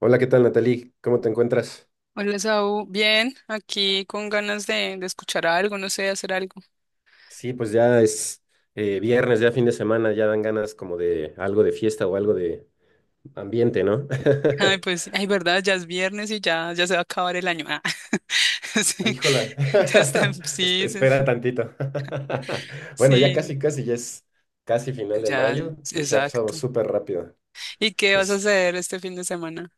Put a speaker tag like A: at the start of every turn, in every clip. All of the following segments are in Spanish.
A: Hola, ¿qué tal, Natalie? ¿Cómo te encuentras?
B: Hola, Saúl. Bien, aquí con ganas de escuchar algo, no sé, hacer algo.
A: Sí, pues ya es viernes, ya fin de semana, ya dan ganas como de algo de fiesta o algo de ambiente, ¿no?
B: Ay, pues, sí, ay, verdad, ya es viernes y ya se va a acabar el año. Ah,
A: Ay,
B: sí,
A: híjola,
B: ya está, sí, sí, sí,
A: Espera tantito. Bueno, ya
B: sí,
A: casi, casi, ya es casi final de
B: ya,
A: mayo y se ha pasado
B: exacto.
A: súper rápido.
B: ¿Y qué vas a hacer este fin de semana?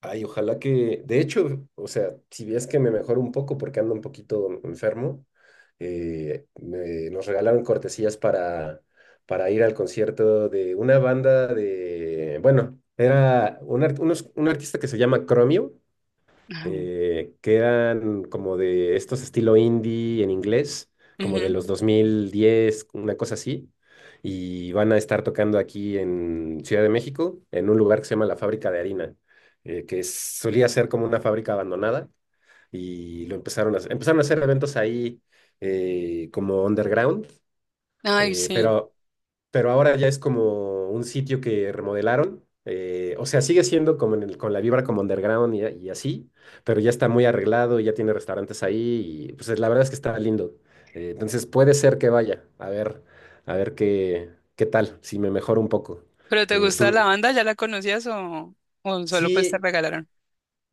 A: Ay, ojalá que, de hecho, o sea, si ves que me mejoro un poco porque ando un poquito enfermo, nos regalaron cortesías para ir al concierto de una banda de, bueno, era un artista que se llama Chromio,
B: Ajá.
A: que eran como de estos estilo indie en inglés, como de
B: Ujú.
A: los 2010 una cosa así. Y van a estar tocando aquí en Ciudad de México, en un lugar que se llama La Fábrica de Harina, que solía ser como una fábrica abandonada. Y lo empezaron a hacer eventos ahí como underground,
B: Ay,
A: eh,
B: sí.
A: pero pero ahora ya es como un sitio que remodelaron. O sea, sigue siendo como con la vibra como underground y así, pero ya está muy arreglado, ya tiene restaurantes ahí y pues la verdad es que está lindo. Entonces puede ser que vaya, a ver qué tal, si me mejoro un poco.
B: ¿Pero te gusta la
A: Tú,
B: banda? ¿Ya la conocías o solo pues te
A: sí,
B: regalaron?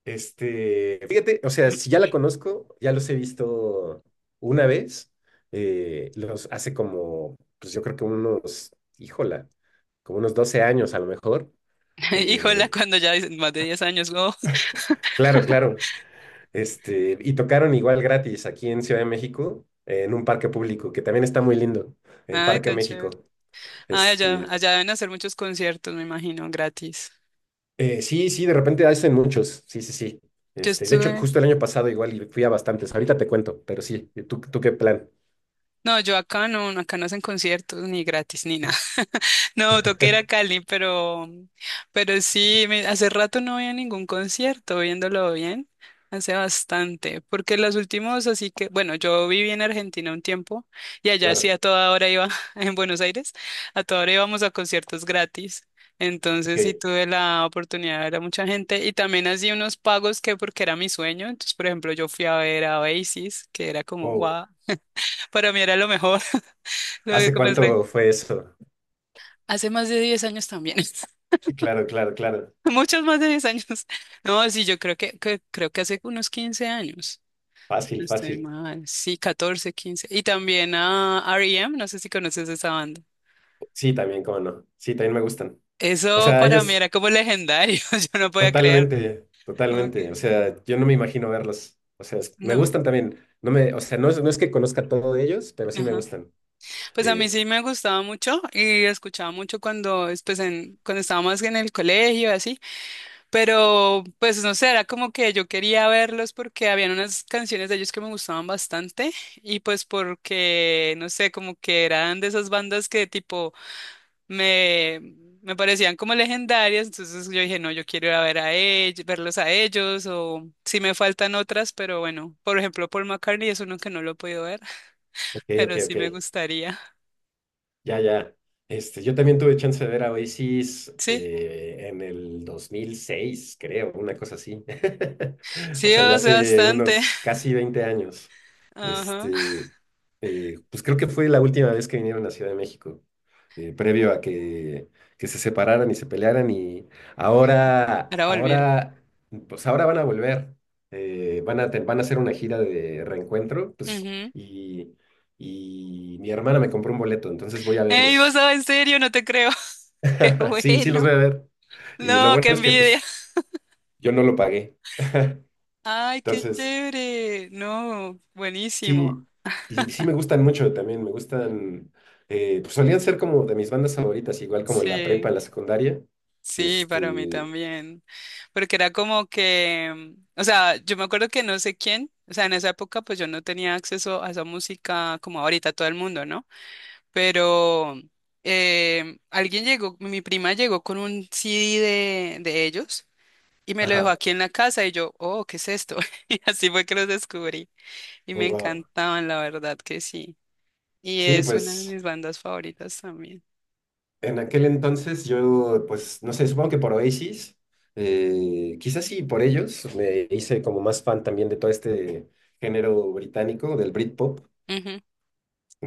A: este, fíjate, o sea, si ya la conozco, ya los he visto una vez, los hace como, pues yo creo que unos, híjola, como unos 12 años a lo mejor.
B: Híjola,
A: eh,
B: cuando ya dicen más de 10 años, oh.
A: claro, claro, este, y tocaron igual gratis aquí en Ciudad de México, en un parque público, que también está muy lindo, en
B: Ay,
A: Parque
B: tan chévere.
A: México.
B: Ay, allá,
A: Este,
B: allá deben hacer muchos conciertos, me imagino, gratis.
A: sí, sí, de repente hacen muchos, sí, sí, sí.
B: Yo
A: Este, de hecho,
B: estuve,
A: justo el año pasado igual y fui a bastantes, ahorita te cuento, pero sí, ¿tú qué plan?
B: no, yo acá no hacen conciertos ni gratis ni nada. No, toqué ir a Cali, pero sí, hace rato no había ningún concierto, viéndolo bien, hace bastante, porque los últimos, así que, bueno, yo viví en Argentina un tiempo y allá sí
A: Claro.
B: a toda hora iba, en Buenos Aires, a toda hora íbamos a conciertos gratis. Entonces sí
A: Ok,
B: tuve la oportunidad de ver a mucha gente y también hacía unos pagos que porque era mi sueño. Entonces, por ejemplo, yo fui a ver a Oasis, que era como,
A: wow.
B: wow. Para mí era lo mejor, lo de
A: ¿Hace
B: comer rey.
A: cuánto fue eso?
B: Hace más de 10 años también.
A: Claro, claro, claro.
B: Muchos más de 10 años. No, sí, yo creo creo que hace unos 15 años. Si
A: Fácil,
B: no estoy
A: fácil.
B: mal. Sí, 14, 15. Y también a R.E.M. no sé si conoces esa banda.
A: Sí, también, cómo no. Sí, también me gustan. O
B: Eso
A: sea,
B: para mí
A: ellos
B: era como legendario. Yo no podía creer.
A: totalmente, totalmente. O
B: Okay.
A: sea, yo no me imagino verlos. O sea, me
B: No.
A: gustan también. No me, o sea, no es que conozca todo de ellos, pero sí me
B: Ajá.
A: gustan.
B: Pues a mí
A: Eh,
B: sí me gustaba mucho y escuchaba mucho cuando, es pues en, cuando estaba más en el colegio y así. Pero, pues no sé, era como que yo quería verlos porque habían unas canciones de ellos que me gustaban bastante y pues porque, no sé, como que eran de esas bandas que tipo me, me parecían como legendarias, entonces yo dije, no, yo quiero ir a ver a ellos, verlos a ellos o si me faltan otras, pero bueno, por ejemplo, Paul McCartney es uno que no lo he podido ver,
A: ok, ok,
B: pero sí
A: ok.
B: me gustaría.
A: Ya, ya. Este, yo también tuve chance de ver a Oasis
B: Sí,
A: en el 2006, creo, una cosa así. O
B: sí,
A: sea, ya
B: o sea,
A: hace
B: bastante.
A: unos casi 20 años.
B: Ajá.
A: Este, pues creo que fue la última vez que vinieron a Ciudad de México, previo a que, se separaran y se pelearan. Y ahora,
B: Ahora volvieron.
A: ahora, pues ahora van a volver. Van a hacer una gira de reencuentro, pues, y mi hermana me compró un boleto, entonces voy a
B: Ey, vos
A: verlos.
B: sabés, en serio, no te creo. Qué
A: Sí, sí los
B: bueno.
A: voy a ver. Y lo
B: No, qué
A: bueno es que
B: envidia.
A: pues yo no lo pagué.
B: Ay, qué
A: Entonces,
B: chévere. No, buenísimo.
A: sí, y sí me gustan mucho también, me gustan, pues solían ser como de mis bandas favoritas, igual como en la prepa,
B: Sí,
A: en la secundaria.
B: sí, para mí
A: Este,
B: también. Porque era como que, o sea, yo me acuerdo que no sé quién, o sea, en esa época pues yo no tenía acceso a esa música como ahorita todo el mundo, ¿no? Pero alguien llegó, mi prima llegó con un CD de ellos y me lo dejó
A: ajá,
B: aquí en la casa y yo, oh, ¿qué es esto? Y así fue que los descubrí. Y
A: oh,
B: me
A: wow.
B: encantaban, la verdad que sí. Y
A: Sí,
B: es una de
A: pues
B: mis bandas favoritas también.
A: en aquel entonces yo, pues no sé, supongo que por Oasis, quizás sí por ellos, me hice como más fan también de todo este género británico, del Britpop.
B: Ujú,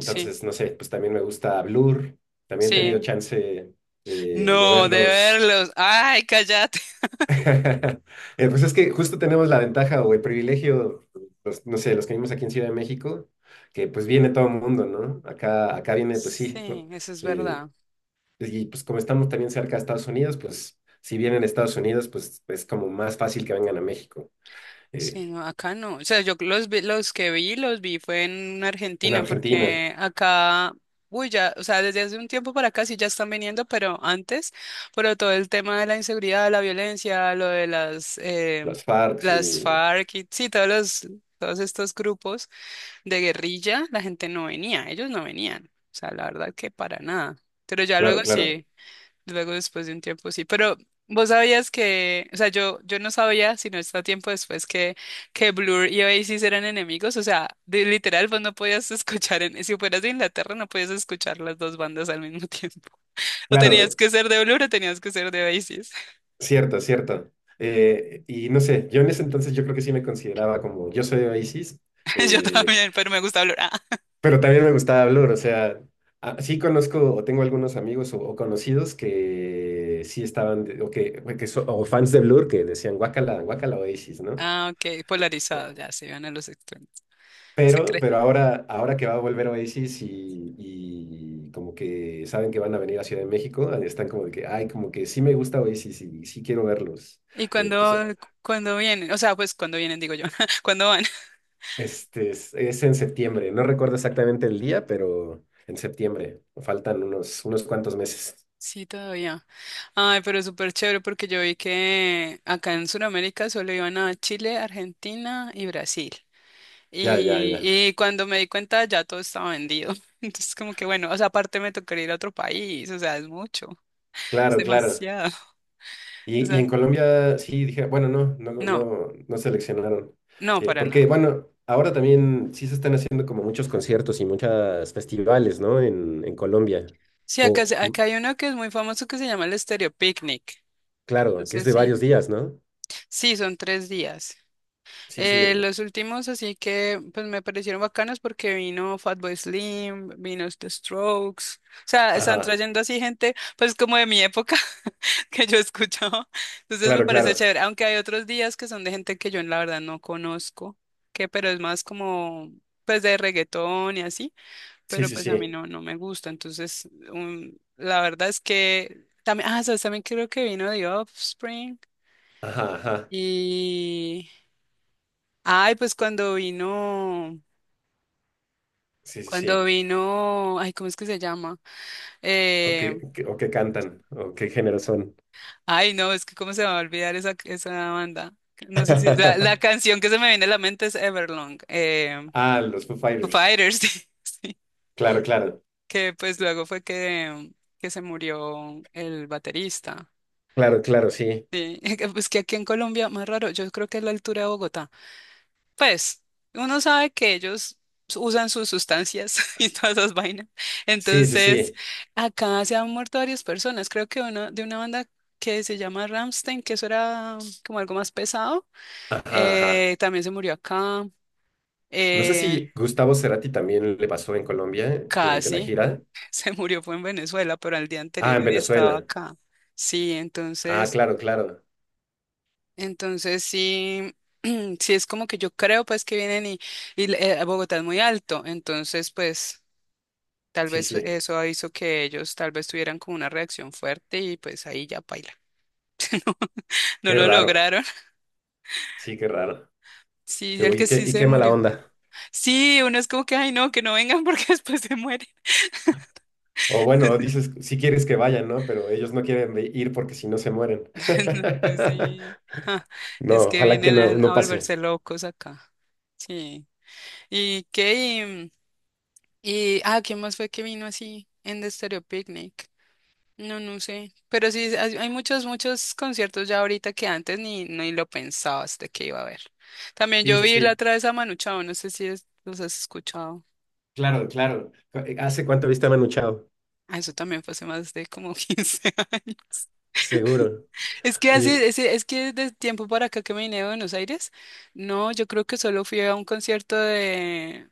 B: sí,
A: no sé, pues también me gusta Blur, también he tenido
B: sí.
A: chance de
B: No, de
A: verlos.
B: verlos. Ay, cállate.
A: Pues es que justo tenemos la ventaja o el privilegio, pues, no sé, los que vivimos aquí en Ciudad de México, que pues viene todo el mundo, ¿no? Acá, acá viene, pues sí,
B: Sí, eso es
A: eh,
B: verdad.
A: y pues como estamos también cerca de Estados Unidos, pues si vienen a Estados Unidos, pues es como más fácil que vengan a México. Eh,
B: Sí, no, acá no. O sea, yo los los que vi, los vi fue en
A: en
B: Argentina,
A: Argentina,
B: porque acá, uy, ya, o sea, desde hace un tiempo para acá sí ya están viniendo, pero antes, pero todo el tema de la inseguridad, la violencia, lo de
A: las FARC
B: las
A: y
B: FARC y sí, todos los, todos estos grupos de guerrilla, la gente no venía, ellos no venían. O sea, la verdad que para nada. Pero ya luego
A: claro, claro.
B: sí, luego después de un tiempo sí. Pero vos sabías que, o sea, yo no sabía, sino hasta tiempo después, que Blur y Oasis eran enemigos. O sea, literal, vos no podías escuchar, en, si fueras de Inglaterra, no podías escuchar las dos bandas al mismo tiempo. O tenías
A: Claro,
B: que ser de Blur o tenías que ser de Oasis.
A: cierto, cierto. Y no sé, yo en ese entonces yo creo que sí me consideraba como, yo soy de Oasis,
B: Yo
A: eh,
B: también, pero me gusta Blur. Ah,
A: pero también me gustaba Blur, o sea, sí conozco o tengo algunos amigos o conocidos que sí estaban, o fans de Blur que decían, guácala, guácala Oasis, ¿no?
B: ok,
A: Eh,
B: polarizado, ya se iban a los extremos.
A: pero ahora que va a volver Oasis y como que saben que van a venir a Ciudad de México, están como de que, ay, como que sí me gusta Oasis y sí quiero verlos.
B: ¿Y
A: Pues
B: cuando cuando vienen? O sea, pues cuando vienen, digo yo. ¿Cuándo van?
A: este es en septiembre. No recuerdo exactamente el día, pero en septiembre. Faltan unos cuantos meses.
B: Sí, todavía. Ay, pero súper chévere porque yo vi que acá en Sudamérica solo iban a Chile, Argentina y Brasil.
A: Ya, ya, ya.
B: Y cuando me di cuenta ya todo estaba vendido. Entonces como que bueno, o sea, aparte me tocaría ir a otro país, o sea, es mucho, es
A: Claro, claro.
B: demasiado. O
A: Y
B: sea,
A: en Colombia sí dije, bueno, no, no,
B: no,
A: no, no seleccionaron.
B: no, para
A: Porque,
B: nada.
A: bueno, ahora también sí se están haciendo como muchos conciertos y muchos festivales, ¿no? En Colombia.
B: Sí, acá,
A: O,
B: acá hay uno que es muy famoso que se llama el Estéreo Picnic. No
A: claro, que es
B: sé
A: de
B: si.
A: varios días, ¿no?
B: Sí, son 3 días.
A: Sí, sí.
B: Los últimos así que pues me parecieron bacanos porque vino Fatboy Slim, vino The Strokes, o sea, están
A: Ajá.
B: trayendo así gente pues como de mi época que yo escuchaba, entonces me
A: Claro,
B: parece
A: claro.
B: chévere, aunque hay otros días que son de gente que yo la verdad no conozco, que pero es más como pues de reggaetón y así,
A: Sí,
B: pero
A: sí,
B: pues a mí
A: sí.
B: no, no me gusta, entonces la verdad es que también, sabes, también creo que vino The Offspring
A: Ajá, ajá.
B: y... Ay, pues cuando vino.
A: Sí, sí,
B: Cuando
A: sí.
B: vino, ay, ¿cómo es que se llama?
A: ¿O qué,
B: Eh,
A: o qué cantan? ¿O qué género son?
B: ay, no, es que cómo se me va a olvidar esa banda. No sé si la canción que se me viene a la mente es Everlong,
A: Ah, los Foo
B: Foo
A: Fighters.
B: Fighters, sí, sí,
A: Claro, claro.
B: que pues luego fue que, se murió el baterista.
A: Claro, claro, sí.
B: Sí, que, pues que aquí en Colombia, más raro, yo creo que es la altura de Bogotá. Pues uno sabe que ellos usan sus sustancias y todas esas vainas.
A: Sí, sí,
B: Entonces,
A: sí.
B: acá se han muerto varias personas. Creo que uno de una banda que se llama Ramstein, que eso era como algo más pesado,
A: Ajá, ajá.
B: eh, también se murió acá.
A: No sé
B: eh,
A: si Gustavo Cerati también le pasó en Colombia durante la
B: Casi
A: gira.
B: se murió, fue en Venezuela, pero al día
A: Ah,
B: anterior
A: en
B: había estado
A: Venezuela.
B: acá. Sí,
A: Ah,
B: entonces,
A: claro, claro.
B: entonces sí. Sí, es como que yo creo pues que vienen y Bogotá es muy alto, entonces pues tal
A: Sí,
B: vez
A: sí.
B: eso hizo que ellos tal vez tuvieran como una reacción fuerte y pues ahí ya paila. No
A: Qué
B: lo
A: raro.
B: lograron.
A: Sí, qué raro.
B: Sí,
A: Qué,
B: el
A: y
B: que
A: qué,
B: sí
A: y
B: se
A: qué mala
B: murió.
A: onda.
B: Sí, uno es como que, ay, no, que no vengan porque después se mueren.
A: O bueno, dices, si quieres que vayan, ¿no? Pero ellos no quieren ir porque si no se mueren.
B: No, pues sí. Ah, es
A: No,
B: que
A: ojalá que
B: vienen
A: no,
B: a
A: no pase.
B: volverse locos acá. Sí. ¿Y qué? Y, ¿quién más fue que vino así en The Stereo Picnic? No, no sé. Pero sí, hay muchos, muchos conciertos ya ahorita que antes ni lo pensabas de que iba a haber. También
A: Sí,
B: yo
A: sí,
B: vi la
A: sí.
B: otra vez a Manu Chao, no sé si los has escuchado.
A: Claro, claro. ¿Hace cuánto viste a Manu Chao?
B: Ah, eso también fue hace más de como 15 años.
A: Seguro.
B: Es que así,
A: Y,
B: es que de tiempo para acá que me vine de Buenos Aires, no, yo creo que solo fui a un concierto de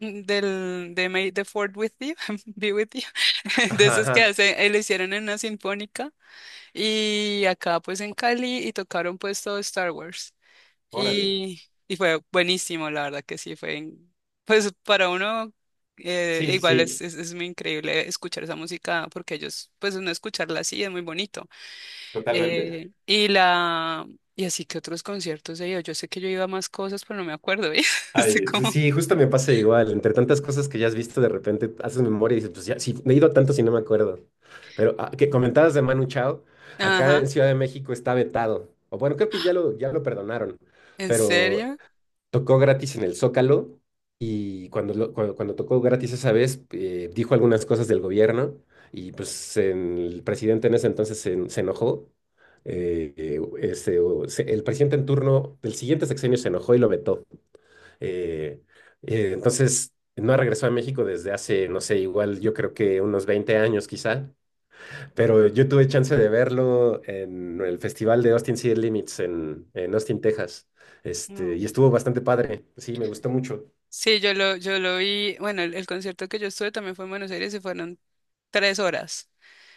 B: del de May the Fourth with you, Be with you, de
A: ajá,
B: esos que
A: ajá.
B: hace, le hicieron en una sinfónica. Y acá pues en Cali y tocaron pues todo Star Wars.
A: Órale.
B: Y, y fue buenísimo, la verdad que sí, pues para uno
A: Sí, sí,
B: igual es,
A: sí,
B: es, es muy increíble escuchar esa música porque ellos pues uno escucharla así es muy bonito.
A: totalmente.
B: Y la y así que otros conciertos he ido. Yo sé que yo iba a más cosas, pero no me acuerdo, ¿eh? Estoy
A: Ay, pues
B: como,
A: sí, justo me pasa igual. Entre tantas cosas que ya has visto, de repente haces memoria y dices, pues ya, sí, me he ido a tanto si no me acuerdo. Pero que
B: no.
A: comentabas de Manu Chao, acá
B: Ajá,
A: en Ciudad de México está vetado. O bueno, creo que ya lo perdonaron.
B: ¿en
A: Pero
B: serio?
A: tocó gratis en el Zócalo y cuando tocó gratis esa vez, dijo algunas cosas del gobierno y pues el presidente en ese entonces se enojó. El presidente en turno del siguiente sexenio se enojó y lo vetó. Eh, entonces no regresó a México desde hace, no sé, igual yo creo que unos 20 años quizá. Pero yo tuve chance de verlo en el festival de Austin City Limits en Austin, Texas. Este, y estuvo bastante padre. Sí, me gustó mucho.
B: Sí, yo lo vi, bueno, el concierto que yo estuve también fue en Buenos Aires y fueron 3 horas.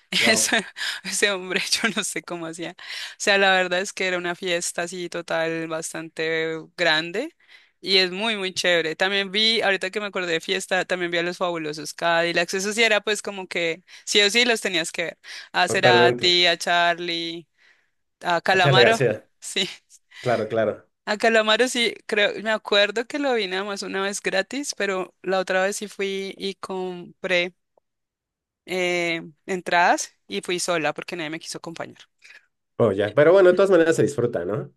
B: Eso-
A: Wow.
B: Ese hombre, yo no sé cómo hacía. O sea, la verdad es que era una fiesta así total bastante grande y es muy, muy chévere. También vi, ahorita que me acordé de fiesta, también vi a los Fabulosos Cadillacs. Eso sí era pues como que sí o sí los tenías que ver. A
A: Totalmente.
B: Cerati, a Charlie, a
A: A Charly
B: Calamaro.
A: García.
B: Sí.
A: Claro, claro.
B: A Calamaro sí, creo, me acuerdo que lo vi nada más una vez gratis, pero la otra vez sí fui y compré eh, entradas y fui sola porque nadie me quiso acompañar.
A: Oh, ya. Pero bueno, de todas maneras se disfruta, ¿no?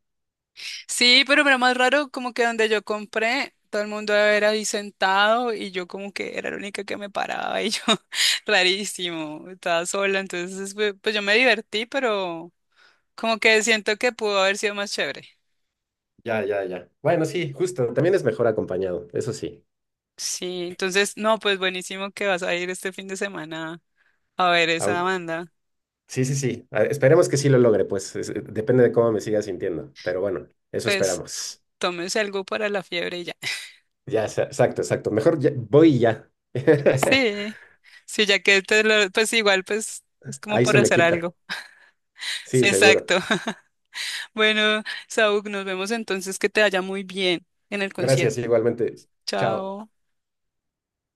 B: Sí, pero era más raro como que donde yo compré, todo el mundo era ahí sentado y yo como que era la única que me paraba y yo, rarísimo, estaba sola, entonces pues yo me divertí, pero como que siento que pudo haber sido más chévere.
A: Ya, ya, ya. Bueno, sí, justo. También es mejor acompañado, eso sí.
B: Sí, entonces, no, pues buenísimo que vas a ir este fin de semana a ver esa
A: Aun-
B: banda.
A: Sí, sí, sí. Esperemos que sí lo logre, pues. Depende de cómo me siga sintiendo. Pero bueno, eso
B: Pues
A: esperamos.
B: tómese algo para la fiebre y ya.
A: Ya, exacto, exacto. Mejor voy y ya.
B: Sí, sí, ya que pues igual, pues es como
A: Ahí
B: por
A: se me
B: hacer
A: quita.
B: algo.
A: Sí,
B: Sí,
A: seguro.
B: exacto. Bueno, Saúl, nos vemos entonces, que te vaya muy bien en el concierto.
A: Gracias, igualmente. Chao.
B: Chao.